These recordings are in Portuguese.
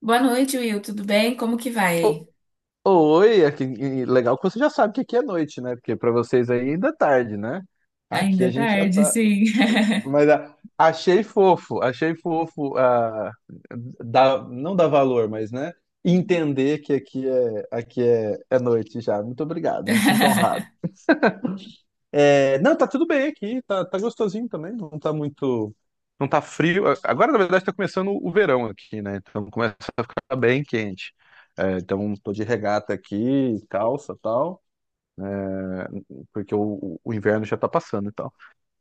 Boa noite, Will. Tudo bem? Como que vai O- aí? Oi, aqui, e legal que você já sabe que aqui é noite, né? Porque pra vocês aí ainda é tarde, né? Aqui Ainda é a gente já tarde, tá. sim. Mas achei fofo, não dá valor, mas né? Entender que aqui é noite já. Muito obrigado, me sinto honrado. É, não, tá tudo bem aqui, tá, tá gostosinho também, não tá muito. Não tá frio. Agora, na verdade, tá começando o verão aqui, né? Então começa a ficar bem quente. É, então tô de regata aqui, calça tal, porque o inverno já tá passando e tal.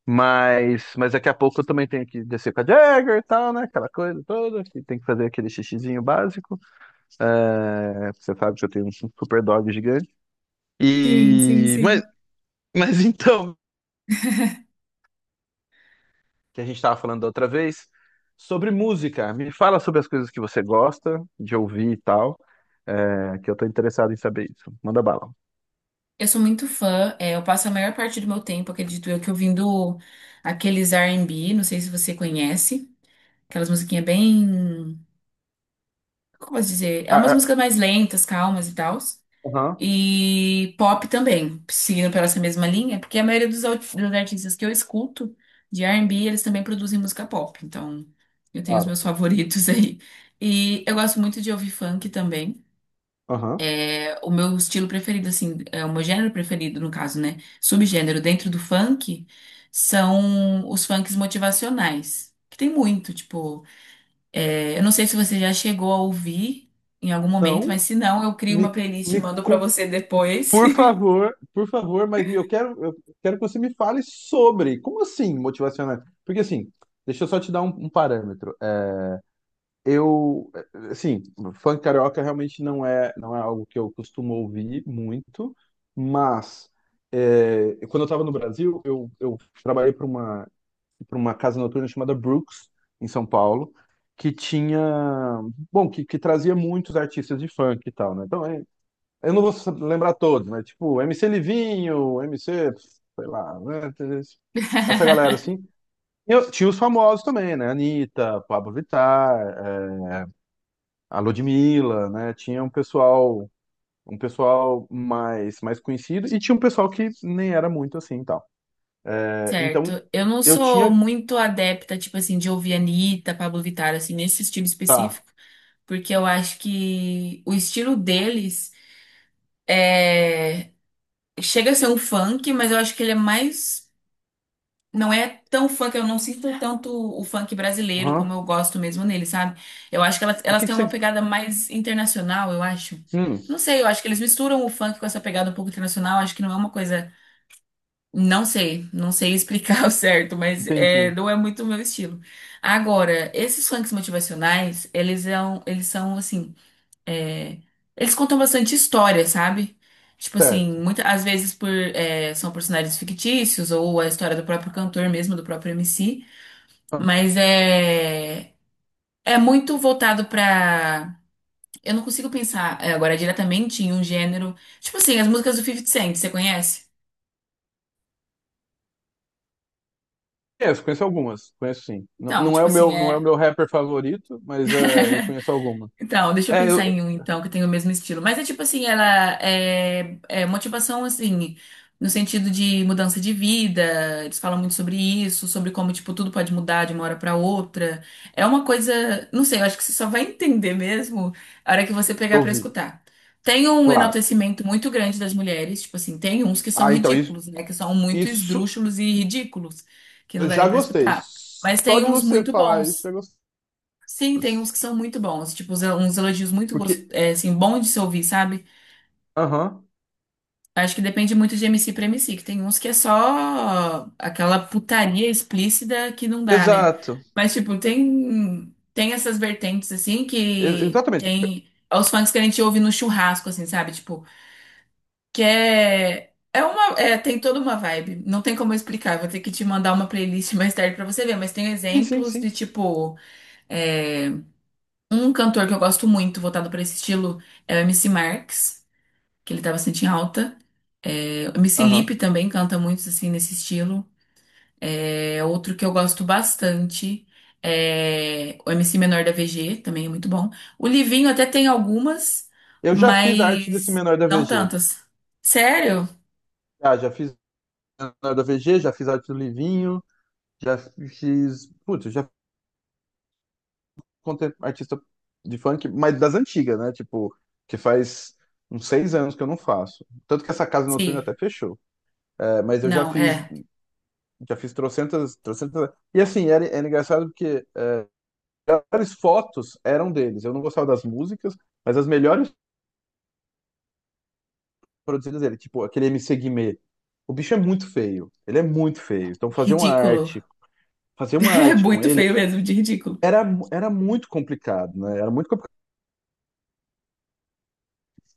Mas daqui a pouco eu também tenho que descer com a Jagger e tal, né? Aquela coisa toda, que tem que fazer aquele xixizinho básico. É, você sabe que eu tenho um super dog gigante. Sim, sim, E. Mas, sim. mas então, que a gente estava falando da outra vez, sobre música. Me fala sobre as coisas que você gosta de ouvir e tal, que eu tô interessado em saber isso. Manda bala. Eu sou muito fã. Eu passo a maior parte do meu tempo, acredito eu, que ouvindo aqueles R&B. Não sei se você conhece. Aquelas musiquinhas bem... Como eu posso dizer? É Ah, umas ah, músicas mais lentas, calmas e tal. aham, E pop também, seguindo pela essa mesma linha, porque a maioria dos artistas que eu escuto de R&B, eles também produzem música pop. Então, eu tenho os claro. meus favoritos aí. E eu gosto muito de ouvir funk também. Aham. É, o meu estilo preferido, assim, é o meu gênero preferido, no caso, né? Subgênero dentro do funk são os funks motivacionais, que tem muito, tipo, eu não sei se você já chegou a ouvir em algum momento, Não, mas se não, eu crio uma me, playlist e me, mando pra con- você depois. Por favor, mas eu quero que você me fale sobre. Como assim, motivacional? Porque assim, deixa eu só te dar um parâmetro. Assim, funk carioca realmente não é algo que eu costumo ouvir muito, mas quando eu estava no Brasil, eu trabalhei para uma casa noturna chamada Brooks, em São Paulo, que tinha, bom, que trazia muitos artistas de funk e tal, né? Então, eu não vou lembrar todos, mas tipo, MC Livinho, MC, sei lá, né? Essa galera assim. E tinha os famosos também, né? Anitta, Pablo Vittar, a Ludmilla, né? Tinha um pessoal mais conhecido e tinha um pessoal que nem era muito assim, e tal. É, então Certo. Eu não eu sou tinha, muito adepta, tipo assim, de ouvir Anitta, Pablo Vittar, assim, nesse estilo tá. específico, porque eu acho que o estilo deles chega a ser um funk, mas eu acho que ele é mais. Não é tão funk, eu não sinto tanto o funk brasileiro como eu Aham. gosto mesmo nele, sabe? Eu acho que elas, O elas que têm que uma você, pegada mais internacional, eu acho. hum, Não sei, eu acho que eles misturam o funk com essa pegada um pouco internacional, acho que não é uma coisa. Não sei, não sei explicar o certo, mas é, entendi. não é muito o meu estilo. Agora, esses funks motivacionais, eles são assim, é, eles contam bastante história, sabe? Tipo assim, Certo. muitas às vezes por, são personagens fictícios ou a história do próprio cantor mesmo, do próprio MC, Ah, mas é muito voltado pra. Eu não consigo pensar agora diretamente em um gênero. Tipo assim, as músicas do 50 Cent, você conhece? conheço, conheço algumas, conheço sim. Então, não é tipo o assim, meu, não é o é. meu rapper favorito, mas eu conheço algumas. Então, deixa eu É, eu, pensar em um, então, que tem o mesmo estilo. Mas é tipo assim, ela é motivação, assim, no sentido de mudança de vida. Eles falam muito sobre isso, sobre como, tipo, tudo pode mudar de uma hora pra outra. É uma coisa, não sei, eu acho que você só vai entender mesmo a hora que você eu pegar pra ouvi, escutar. Tem um claro. enaltecimento muito grande das mulheres, tipo assim, tem uns que são Ah, então isso, ridículos, né? Que são muito isso esdrúxulos e ridículos, que não eu dá nem já pra gostei. escutar. Mas Só tem de uns você muito falar isso, bons. eu já gostei. Sim, tem uns que são muito bons, tipo, uns elogios muito Porque, assim, bom de se ouvir, sabe? aham, Acho que depende muito de MC pra MC, que tem uns que é só aquela putaria explícita que não dá, né? exato, Mas, tipo, tem essas vertentes, assim, que exatamente. tem os fãs que a gente ouve no churrasco, assim, sabe? Tipo, que é, é uma, é, tem toda uma vibe, não tem como eu explicar, vou ter que te mandar uma playlist mais tarde pra você ver, mas tem Sim, sim, exemplos sim. de, tipo, é, um cantor que eu gosto muito, voltado para esse estilo, é o MC Marx, que ele tá bastante em alta. É, o MC Lipe Aham. também canta muito assim nesse estilo. É, outro que eu gosto bastante é o MC Menor da VG, também é muito bom. O Livinho até tem algumas, Eu já fiz a arte desse mas menor da não VG. tantas. Sério? Já fiz menor da VG, já fiz arte do Livinho, já fiz. Putz, eu já contei artista de funk, mas das antigas, né? Tipo, que faz uns 6 anos que eu não faço. Tanto que essa casa noturna Sim. até fechou. É, mas eu Não, é já fiz trocentas, trocentas. E assim, era engraçado porque as melhores fotos eram deles. Eu não gostava das músicas, mas as melhores produzidas dele, tipo aquele MC Guimê. O bicho é muito feio, ele é muito feio. Então ridículo. Fazer uma É arte com muito feio ele mesmo, de ridículo. era, era muito complicado, né? Era muito complicado.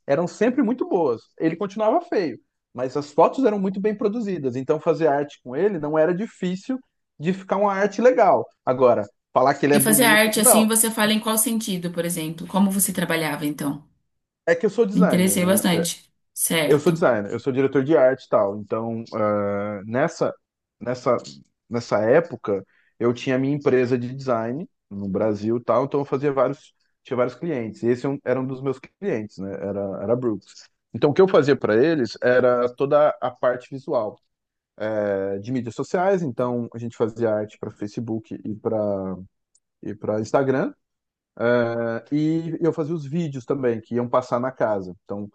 Eram sempre muito boas. Ele continuava feio, mas as fotos eram muito bem produzidas. Então fazer arte com ele não era difícil de ficar uma arte legal. Agora, falar que ele E é fazer bonito, arte não. assim, você fala em qual sentido, por exemplo? Como você trabalhava então? É que eu sou Me designer, interessei né? bastante. Eu sou Certo. designer, eu sou diretor de arte e tal. Então, nessa, nessa época, eu tinha minha empresa de design no Brasil e tal, então eu fazia vários, tinha vários clientes. E esse é era um dos meus clientes, né? Era a Brooks. Então, o que eu fazia para eles era toda a parte visual, de mídias sociais. Então, a gente fazia arte para Facebook e para Instagram. E eu fazia os vídeos também, que iam passar na casa. Então,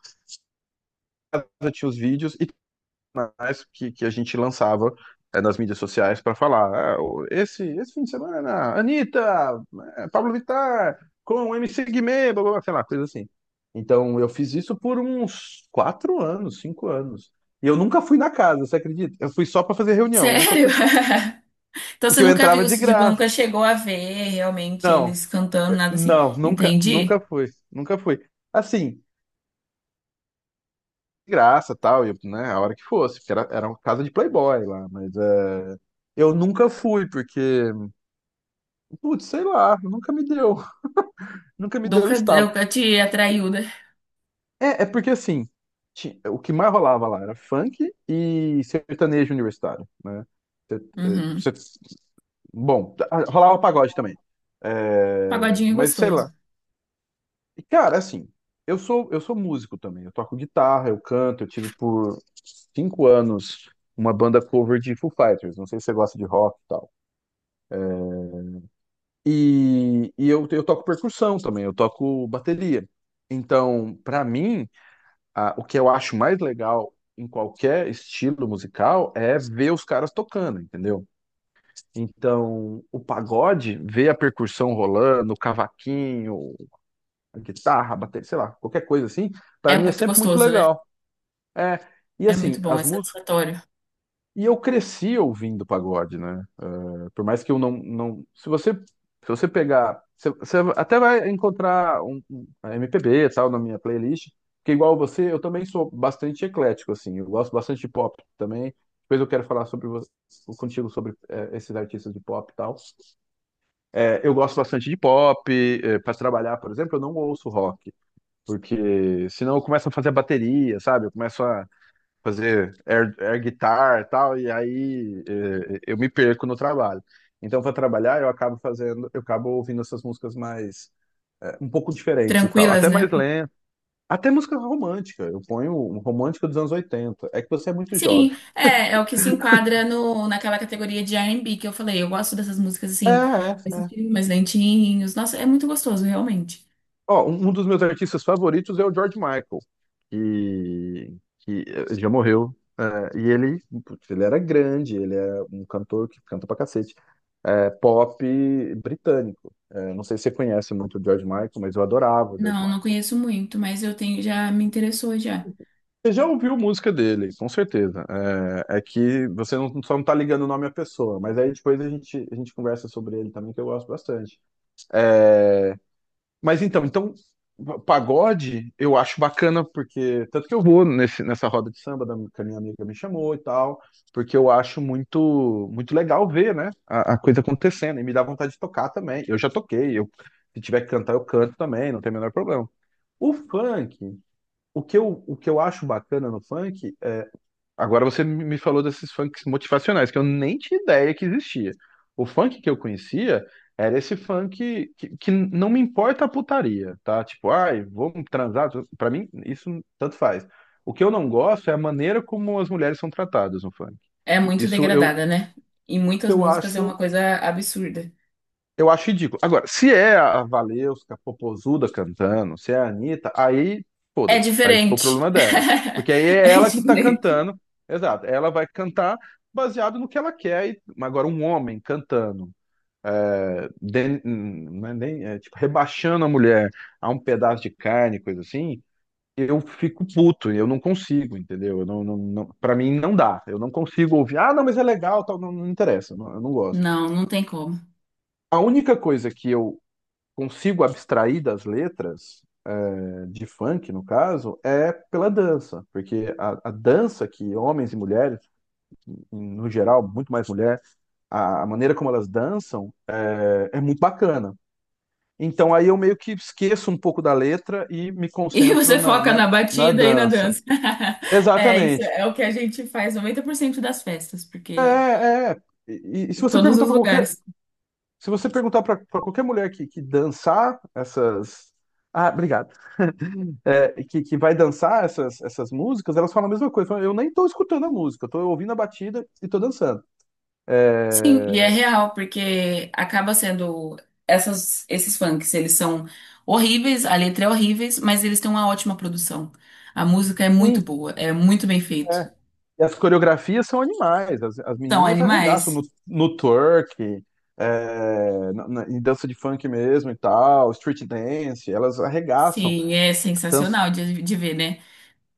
eu tinha os vídeos e que a gente lançava nas mídias sociais para falar. "Ah, esse fim de semana, Anitta, Pablo Vittar, com o MC Guimê, blá, blá, blá", sei lá, coisa assim. Então eu fiz isso por uns 4 anos, 5 anos. E eu nunca fui na casa, você acredita? Eu fui só para fazer reunião, eu nunca Sério? fui, Então você porque eu nunca viu, entrava de você, tipo, graça. nunca chegou a ver realmente Não, eles cantando, nada assim. não, nunca, nunca Entendi. fui, nunca fui. Assim, de graça, tal, e, né, a hora que fosse, porque era uma casa de playboy lá, mas eu nunca fui, porque putz, sei lá, nunca me deu, nunca me deu um Nunca, estalo. nunca te atraiu, né? É, porque assim, o que mais rolava lá era funk e sertanejo universitário, né? Ser- eh, Uhum. ser- Bom, rolava pagode também. É, Pagodinho é mas sei lá. gostoso. E, cara, assim, eu sou músico também. Eu toco guitarra, eu canto. Eu tive por 5 anos uma banda cover de Foo Fighters. Não sei se você gosta de rock e tal. E eu toco percussão também. Eu toco bateria. Então, pra mim, ah, o que eu acho mais legal em qualquer estilo musical é ver os caras tocando, entendeu? Então, o pagode, ver a percussão rolando, o cavaquinho, a guitarra, a bateria, sei lá, qualquer coisa assim, É pra mim é muito sempre muito gostoso, né? legal. É, e É muito assim, bom, é as músicas satisfatório. e eu cresci ouvindo pagode, né? Por mais que eu não, não. Se você pegar. Você até vai encontrar um MPB e tal na minha playlist, porque igual você, eu também sou bastante eclético, assim. Eu gosto bastante de pop também. Depois eu quero falar contigo sobre esses artistas de pop e tal. Eu gosto bastante de pop. Para trabalhar, por exemplo, eu não ouço rock, porque senão eu começo a fazer bateria, sabe? Eu começo a fazer air guitar e tal, e aí eu me perco no trabalho. Então, para trabalhar, eu acabo ouvindo essas músicas mais, um pouco diferentes e tal, Tranquilas, até mais né? lenta, até música romântica. Eu ponho um romântico dos anos 80. É que você é muito jovem. Sim, é, é o que se enquadra no, naquela categoria de R&B que eu falei. Eu gosto dessas músicas É, assim, é, esses é. filmes mais lentinhos. Nossa, é muito gostoso, realmente. Ó, um dos meus artistas favoritos é o George Michael, que já morreu. É, e ele, putz, ele era grande, ele é um cantor que canta pra cacete. É, pop britânico. É, não sei se você conhece muito o George Michael, mas eu adorava o George Não, não Michael. conheço muito, mas eu tenho, já me interessou já. Você já ouviu música dele, com certeza. É, é que você não, só não tá ligando o nome à pessoa, mas aí depois a gente conversa sobre ele também, que eu gosto bastante. É, mas então pagode eu acho bacana, porque tanto que eu vou nesse, nessa roda de samba da, que a minha amiga me chamou e tal, porque eu acho muito muito legal ver, né, a coisa acontecendo e me dá vontade de tocar também. Eu já toquei, eu se tiver que cantar eu canto também, não tem o menor problema. O funk, o que eu acho bacana no funk. Agora você me falou desses funks motivacionais, que eu nem tinha ideia que existia. O funk que eu conhecia era esse funk que não me importa a putaria, tá? Tipo, ai, vamos transar. Pra mim, isso tanto faz. O que eu não gosto é a maneira como as mulheres são tratadas no funk. É muito Isso degradada, né? Em muitas eu músicas é uma acho coisa absurda. eu acho ridículo. Agora, se é a Valesca Popozuda cantando, se é a Anitta, aí É foda-se. Aí, tipo, o diferente. problema é dela. Porque aí É é ela que tá diferente. cantando. Exato. Ela vai cantar baseado no que ela quer. E. Mas agora, um homem cantando, não é nem, tipo, rebaixando a mulher a um pedaço de carne, coisa assim, eu fico puto. Eu não consigo, entendeu? Eu não, não, não, pra mim, não dá. Eu não consigo ouvir. Ah, não, mas é legal, tal. Não, não interessa. Eu não gosto. Não, não tem como. A única coisa que eu consigo abstrair das letras, de funk no caso, é pela dança, porque a dança que homens e mulheres, no geral, muito mais mulher, a maneira como elas dançam muito bacana. Então aí eu meio que esqueço um pouco da letra e me E você concentro na, foca na, na na batida e na dança. dança. É, isso Exatamente. é o que a gente faz 90% das festas, É, porque é. É. E se em você todos perguntar os lugares. se você perguntar para qualquer mulher que dançar ah, obrigado. Que vai dançar essas músicas, elas falam a mesma coisa. Falam, eu nem tô escutando a música, eu tô ouvindo a batida e tô dançando. Sim, e é É, real, porque acaba sendo esses funks, eles são horríveis, a letra é horríveis, mas eles têm uma ótima produção. A música é muito sim. boa, é muito bem feito. É. E as coreografias são animais, as São meninas arregaçam no, animais. no twerk, em dança de funk mesmo e tal, street dance, elas arregaçam. Sim, é dan- sensacional de ver, né?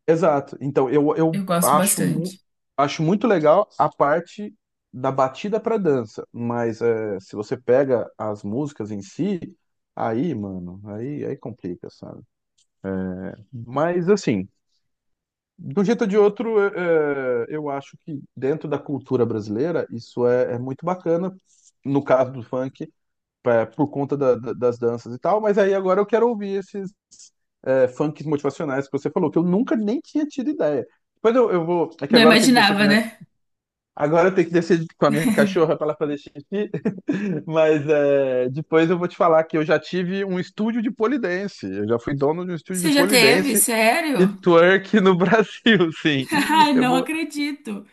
Exato. Então, eu Eu gosto acho, mu bastante. acho muito legal a parte da batida pra dança, mas se você pega as músicas em si, aí, mano, aí complica, sabe? Mas, assim, de um jeito ou de outro, eu acho que dentro da cultura brasileira, isso é muito bacana, no caso do funk, por conta das danças e tal, mas aí agora eu quero ouvir funks motivacionais que você falou, que eu nunca nem tinha tido ideia. Depois eu vou. É que Não agora eu tenho que descer com imaginava, a minha. né? Agora eu tenho que descer com a minha cachorra para ela fazer xixi. Mas depois eu vou te falar que eu já tive um estúdio de pole dance. Eu já fui dono de um estúdio de Você já pole teve? dance e Sério? twerk no Brasil, sim. Ai, Eu não vou, acredito.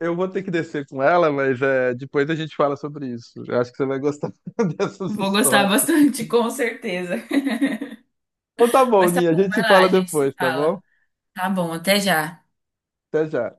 eu vou ter que descer com ela, mas depois a gente fala sobre isso. Eu acho que você vai gostar dessas Vou gostar histórias. bastante, com certeza. Então tá bom, Mas tá Ninha. A bom, gente vai se lá, a fala gente se depois, tá fala. bom? Tá bom, até já. Até já.